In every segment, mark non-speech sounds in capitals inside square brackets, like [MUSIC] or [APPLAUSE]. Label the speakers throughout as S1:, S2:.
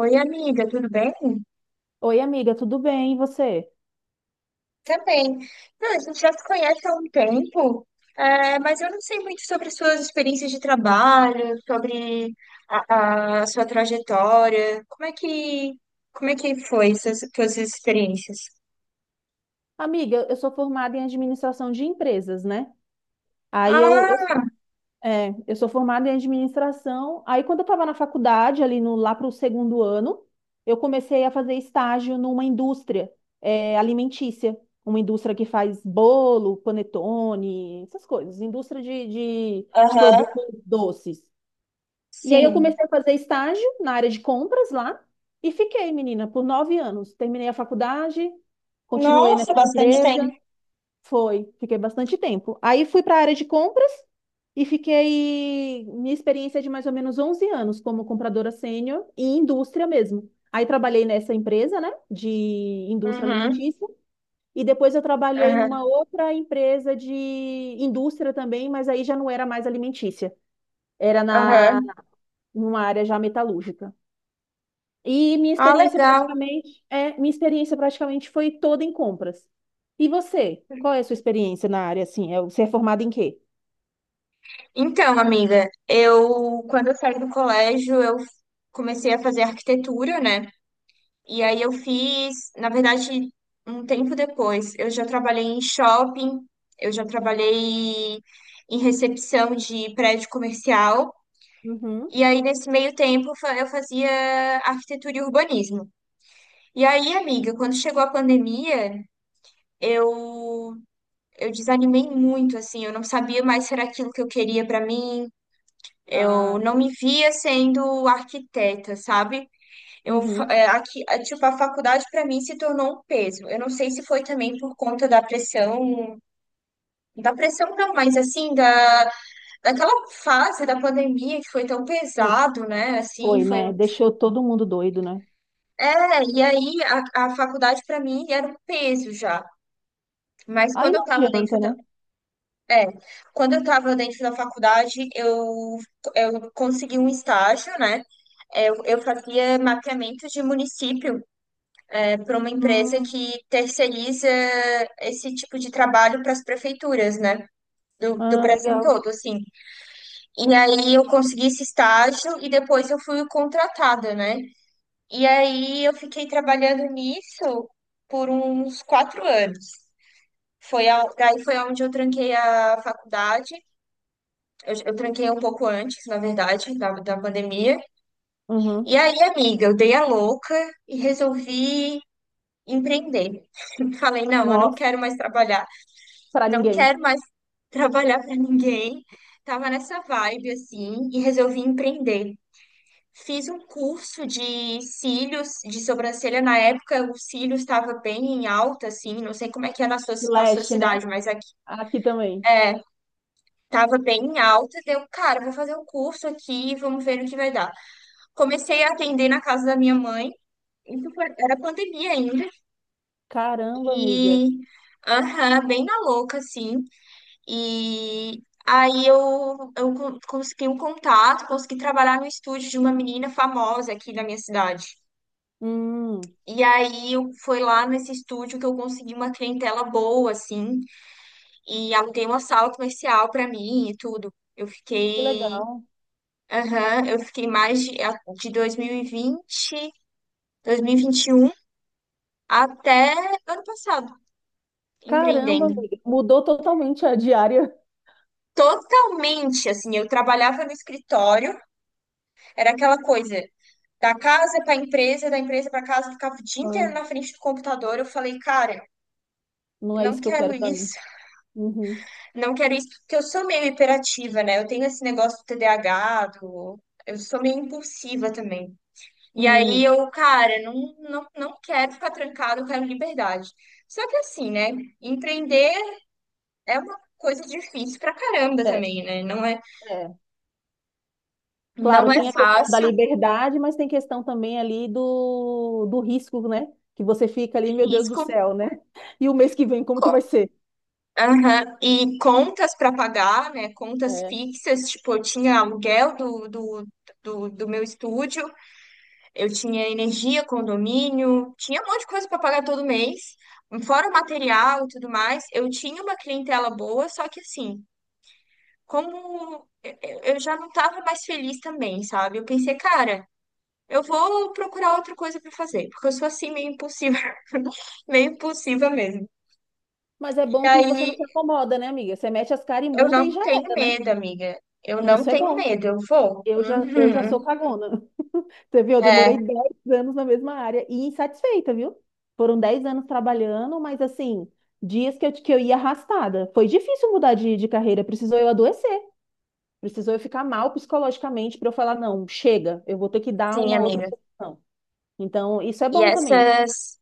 S1: Oi, amiga, tudo bem?
S2: Oi, amiga, tudo bem? E você?
S1: Também. Não, a gente já se conhece há um tempo, mas eu não sei muito sobre suas experiências de trabalho, sobre a sua trajetória. Como é que foi essas suas experiências?
S2: Amiga, eu sou formada em administração de empresas, né? Aí eu, eu,
S1: Ah,
S2: é, eu sou formada em administração. Aí quando eu estava na faculdade, ali no, lá para o segundo ano, eu comecei a fazer estágio numa indústria, alimentícia, uma indústria que faz bolo, panetone, essas coisas, indústria de
S1: aham,
S2: produtos doces. E aí eu
S1: sim.
S2: comecei a fazer estágio na área de compras lá e fiquei, menina, por 9 anos. Terminei a faculdade, continuei
S1: Nossa,
S2: nessa
S1: bastante tempo.
S2: empresa, foi, fiquei bastante tempo. Aí fui para a área de compras e fiquei minha experiência é de mais ou menos 11 anos como compradora sênior em indústria mesmo. Aí trabalhei nessa empresa, né, de indústria
S1: Uhum,
S2: alimentícia, e depois eu trabalhei
S1: aham,
S2: numa outra empresa de indústria também, mas aí já não era mais alimentícia, era na
S1: aham.
S2: numa área já metalúrgica.
S1: Ah, legal.
S2: Minha experiência praticamente foi toda em compras. E você? Qual é a sua experiência na área assim? Você é formado em quê?
S1: Então, amiga, quando eu saí do colégio, eu comecei a fazer arquitetura, né? E aí eu fiz, na verdade, um tempo depois, eu já trabalhei em shopping, eu já trabalhei em recepção de prédio comercial.
S2: Uhum.
S1: E aí, nesse meio tempo, eu fazia arquitetura e urbanismo. E aí, amiga, quando chegou a pandemia, eu, eu desanimei muito, assim, eu não sabia mais se era aquilo que eu queria para mim. Eu
S2: Ah,
S1: não me via sendo arquiteta, sabe? Eu, fa-
S2: uhum.
S1: é, aqui, é, tipo, a faculdade para mim se tornou um peso. Eu não sei se foi também por conta da pressão não, mas assim, daquela fase da pandemia que foi tão
S2: E
S1: pesado, né? Assim,
S2: foi, né?
S1: foi.
S2: Deixou todo mundo doido, né?
S1: É, e aí a faculdade para mim era um peso já. Mas
S2: Aí
S1: quando eu
S2: não
S1: tava
S2: adianta,
S1: dentro da,
S2: né?
S1: é, quando eu tava dentro da faculdade, eu consegui um estágio, né? Eu fazia mapeamento de município para uma empresa
S2: Hum,
S1: que terceiriza esse tipo de trabalho para as prefeituras, né? Do
S2: ah,
S1: Brasil
S2: legal.
S1: todo, assim. E aí eu consegui esse estágio e depois eu fui contratada, né? E aí eu fiquei trabalhando nisso por uns 4 anos. Daí foi onde eu tranquei a faculdade. Eu tranquei um pouco antes, na verdade, da pandemia.
S2: Uhum.
S1: E aí, amiga, eu dei a louca e resolvi empreender. [LAUGHS] Falei, não, eu não
S2: Nossa,
S1: quero mais trabalhar.
S2: para
S1: Não
S2: ninguém.
S1: quero mais [LAUGHS] trabalhar para ninguém. Tava nessa vibe assim e resolvi empreender. Fiz um curso de cílios, de sobrancelha. Na época, o cílios estava bem em alta, assim. Não sei como é que é
S2: De
S1: na sua
S2: leste, né?
S1: cidade, mas aqui
S2: Aqui também.
S1: é, tava bem em alta. Deu, cara, vou fazer um curso aqui, vamos ver o que vai dar. Comecei a atender na casa da minha mãe. Era pandemia ainda.
S2: Caramba, amiga.
S1: E, aham, bem na louca, assim. E aí consegui um contato, consegui trabalhar no estúdio de uma menina famosa aqui da minha cidade.
S2: Hum,
S1: E aí eu foi lá nesse estúdio que eu consegui uma clientela boa, assim, e aluguei uma sala comercial para mim e tudo. Eu
S2: que
S1: fiquei,
S2: legal.
S1: aham, eu fiquei mais de 2020, 2021 até ano passado,
S2: Caramba,
S1: empreendendo.
S2: amiga. Mudou totalmente a diária. [LAUGHS]
S1: Totalmente, assim, eu trabalhava no escritório, era aquela coisa, da casa para a empresa, da empresa para casa, eu ficava o dia
S2: Ah,
S1: inteiro na frente do computador. Eu falei, cara,
S2: não é
S1: não
S2: isso que eu
S1: quero
S2: quero pra
S1: isso,
S2: mim. Uhum.
S1: não quero isso, porque eu sou meio hiperativa, né? Eu tenho esse negócio do TDAH, do... eu sou meio impulsiva também. E aí
S2: Uhum.
S1: eu, cara, não, não quero ficar trancada, eu quero liberdade. Só que assim, né? Empreender é uma coisa difícil pra caramba
S2: É,
S1: também, né? Não é,
S2: é.
S1: não
S2: Claro,
S1: é
S2: tem a questão da
S1: fácil,
S2: liberdade, mas tem questão também ali do risco, né? Que você fica
S1: é
S2: ali, meu Deus do
S1: risco.
S2: céu, né? E o mês que vem, como que vai ser?
S1: Aham, e contas para pagar, né? Contas
S2: É.
S1: fixas, tipo, eu tinha aluguel do meu estúdio, eu tinha energia, condomínio, tinha um monte de coisa para pagar todo mês, fora o material e tudo mais. Eu tinha uma clientela boa, só que assim, eu já não estava mais feliz também, sabe? Eu pensei, cara, eu vou procurar outra coisa para fazer, porque eu sou assim meio impulsiva, [LAUGHS] meio impulsiva mesmo.
S2: Mas é
S1: E
S2: bom que você não
S1: aí
S2: se acomoda, né, amiga? Você mete as caras e
S1: eu
S2: muda e
S1: não
S2: já
S1: tenho
S2: era, né?
S1: medo, amiga. Eu não
S2: Isso é
S1: tenho
S2: bom.
S1: medo, eu vou.
S2: Eu já sou
S1: Uhum.
S2: cagona. Você viu? Eu
S1: É,
S2: demorei 10 anos na mesma área e insatisfeita, viu? Foram 10 anos trabalhando, mas assim, dias que eu ia arrastada. Foi difícil mudar de carreira, precisou eu adoecer, precisou eu ficar mal psicologicamente para eu falar, não, chega, eu vou ter que dar
S1: sim,
S2: uma outra
S1: amiga.
S2: solução. Então, isso é
S1: E
S2: bom também.
S1: essas,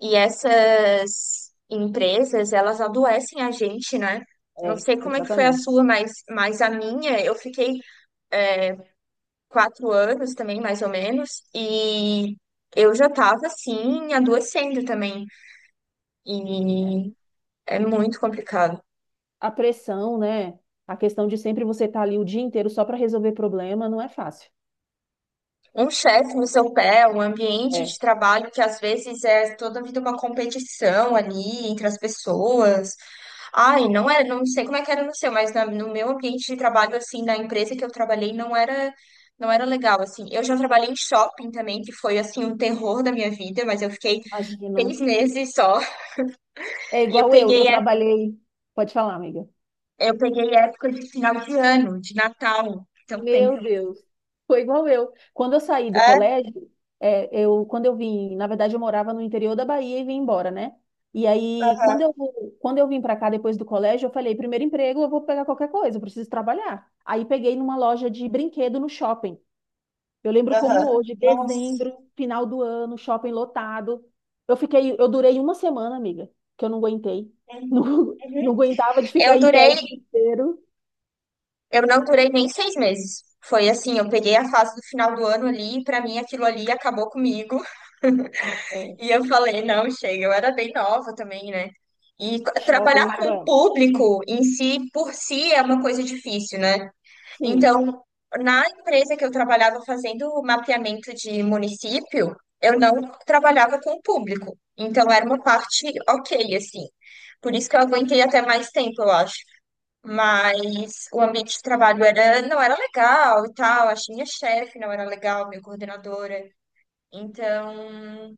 S1: e essas empresas, elas adoecem a gente, né? Não
S2: É,
S1: sei como é que foi a
S2: exatamente.
S1: sua, mas a minha, eu fiquei 4 anos também, mais ou menos, e eu já tava, assim, adoecendo também. E é muito complicado.
S2: A pressão, né? A questão de sempre você estar ali o dia inteiro só para resolver problema, não é fácil.
S1: Um chefe no seu pé, um ambiente
S2: É,
S1: de trabalho que às vezes é toda vida uma competição ali entre as pessoas. Ai, não é, não sei como é que era no seu, no meu ambiente de trabalho assim, na empresa que eu trabalhei, não era legal assim. Eu já trabalhei em shopping também, que foi assim um terror da minha vida, mas eu fiquei
S2: imagino.
S1: 6 meses só
S2: É
S1: [LAUGHS] e eu
S2: igual eu
S1: peguei é-
S2: trabalhei. Pode falar, amiga.
S1: eu peguei época de final de ano, de Natal. Então tem.
S2: Meu Deus, foi igual eu. Quando eu saí do
S1: É,
S2: colégio, quando eu vim, na verdade eu morava no interior da Bahia e vim embora, né? E aí, quando eu vim para cá depois do colégio, eu falei, primeiro emprego, eu vou pegar qualquer coisa, eu preciso trabalhar. Aí peguei numa loja de brinquedo no shopping. Eu lembro como
S1: aham.
S2: hoje,
S1: Nossa.
S2: dezembro, final do ano, shopping lotado. Eu durei uma semana, amiga, que eu não aguentei. [LAUGHS] Não, não
S1: Uhum.
S2: aguentava de ficar
S1: Eu
S2: em pé
S1: durei
S2: o dia inteiro.
S1: Eu não durei nem 6 meses. Foi assim, eu peguei a fase do final do ano ali, e pra mim aquilo ali acabou comigo. [LAUGHS]
S2: É,
S1: E eu falei, não, chega, eu era bem nova também, né? E trabalhar
S2: shopping é
S1: com o
S2: cruel.
S1: público em si, por si, é uma coisa difícil, né?
S2: Sim.
S1: Então, na empresa que eu trabalhava fazendo mapeamento de município, eu não trabalhava com o público. Então, era uma parte ok, assim. Por isso que eu aguentei até mais tempo, eu acho. Mas o ambiente de trabalho era, não era legal e tal. Achei minha chefe não era legal, minha coordenadora. Então,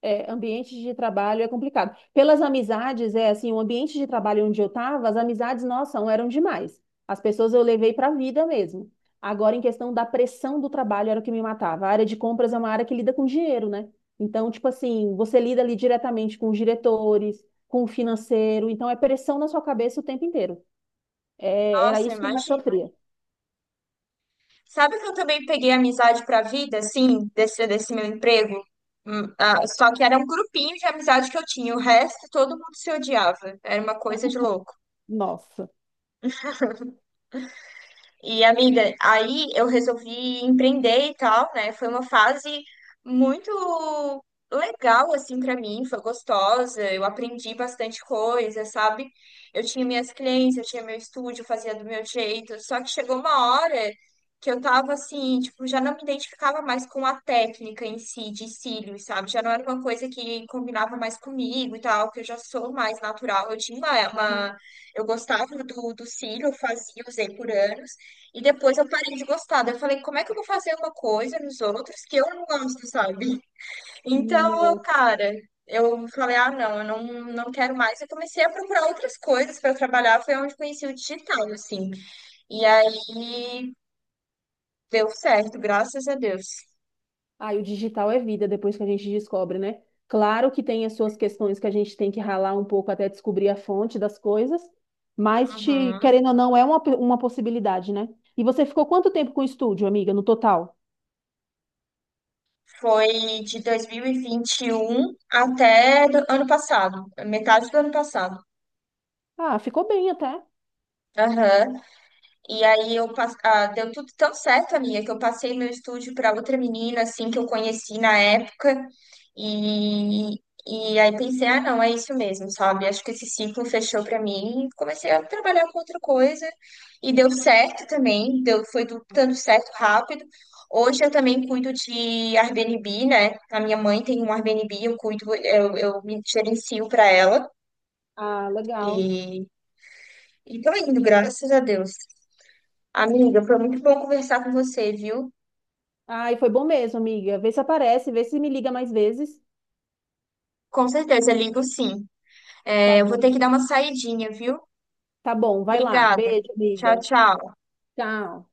S2: É, ambiente de trabalho é complicado. Pelas amizades, é assim, o ambiente de trabalho onde eu estava, as amizades, nossa, não eram demais. As pessoas eu levei para a vida mesmo. Agora, em questão da pressão do trabalho, era o que me matava. A área de compras é uma área que lida com dinheiro, né? Então, tipo assim, você lida ali diretamente com os diretores, com o financeiro, então é pressão na sua cabeça o tempo inteiro. É, era
S1: nossa,
S2: isso que eu mais
S1: imagina.
S2: sofria.
S1: Sabe que eu também peguei amizade pra vida, assim, desse meu emprego? Ah, só que era um grupinho de amizade que eu tinha. O resto, todo mundo se odiava. Era uma coisa de louco.
S2: Nossa.
S1: E, amiga, aí eu resolvi empreender e tal, né? Foi uma fase muito legal, assim, pra mim, foi gostosa, eu aprendi bastante coisa, sabe? Eu tinha minhas clientes, eu tinha meu estúdio, eu fazia do meu jeito, só que chegou uma hora que eu tava assim, tipo, já não me identificava mais com a técnica em si, de cílios, sabe? Já não era uma coisa que combinava mais comigo e tal, que eu já sou mais natural, eu tinha uma...
S2: Uhum.
S1: eu gostava do cílio, eu fazia, usei por anos, e depois eu parei de gostar. Daí eu falei, como é que eu vou fazer uma coisa nos outros que eu não gosto, sabe? [LAUGHS] Então, eu,
S2: Nossa.
S1: cara, eu falei, ah, não, eu não, não quero mais. Eu comecei a procurar outras coisas para trabalhar. Foi onde conheci o digital, assim. E aí deu certo, graças a Deus.
S2: Ah, e o digital é vida depois que a gente descobre, né? Claro que tem as suas questões que a gente tem que ralar um pouco até descobrir a fonte das coisas, mas te,
S1: Uhum.
S2: querendo ou não, é uma possibilidade, né? E você ficou quanto tempo com o estúdio, amiga, no total?
S1: Foi de dois mil e vinte e um até do ano passado, metade do ano passado.
S2: Ah, ficou bem até.
S1: Aham. E aí ah, deu tudo tão certo, amiga, que eu passei meu estúdio para outra menina assim que eu conheci na época. E e aí pensei, ah, não, é isso mesmo, sabe? Acho que esse ciclo fechou para mim. Comecei a trabalhar com outra coisa e deu certo também, dando certo rápido. Hoje eu também cuido de Airbnb, né? A minha mãe tem um Airbnb, eu cuido, eu me gerencio para ela.
S2: Ah,
S1: E,
S2: legal.
S1: e tô indo, graças a Deus. Amiga, foi muito bom conversar com você, viu?
S2: Ah, e foi bom mesmo, amiga. Vê se aparece, vê se me liga mais vezes.
S1: Com certeza, ligo sim.
S2: Tá
S1: É, eu vou
S2: bom.
S1: ter que dar uma saidinha, viu?
S2: Tá bom, vai lá.
S1: Obrigada.
S2: Beijo,
S1: Tchau,
S2: amiga.
S1: tchau.
S2: Tchau.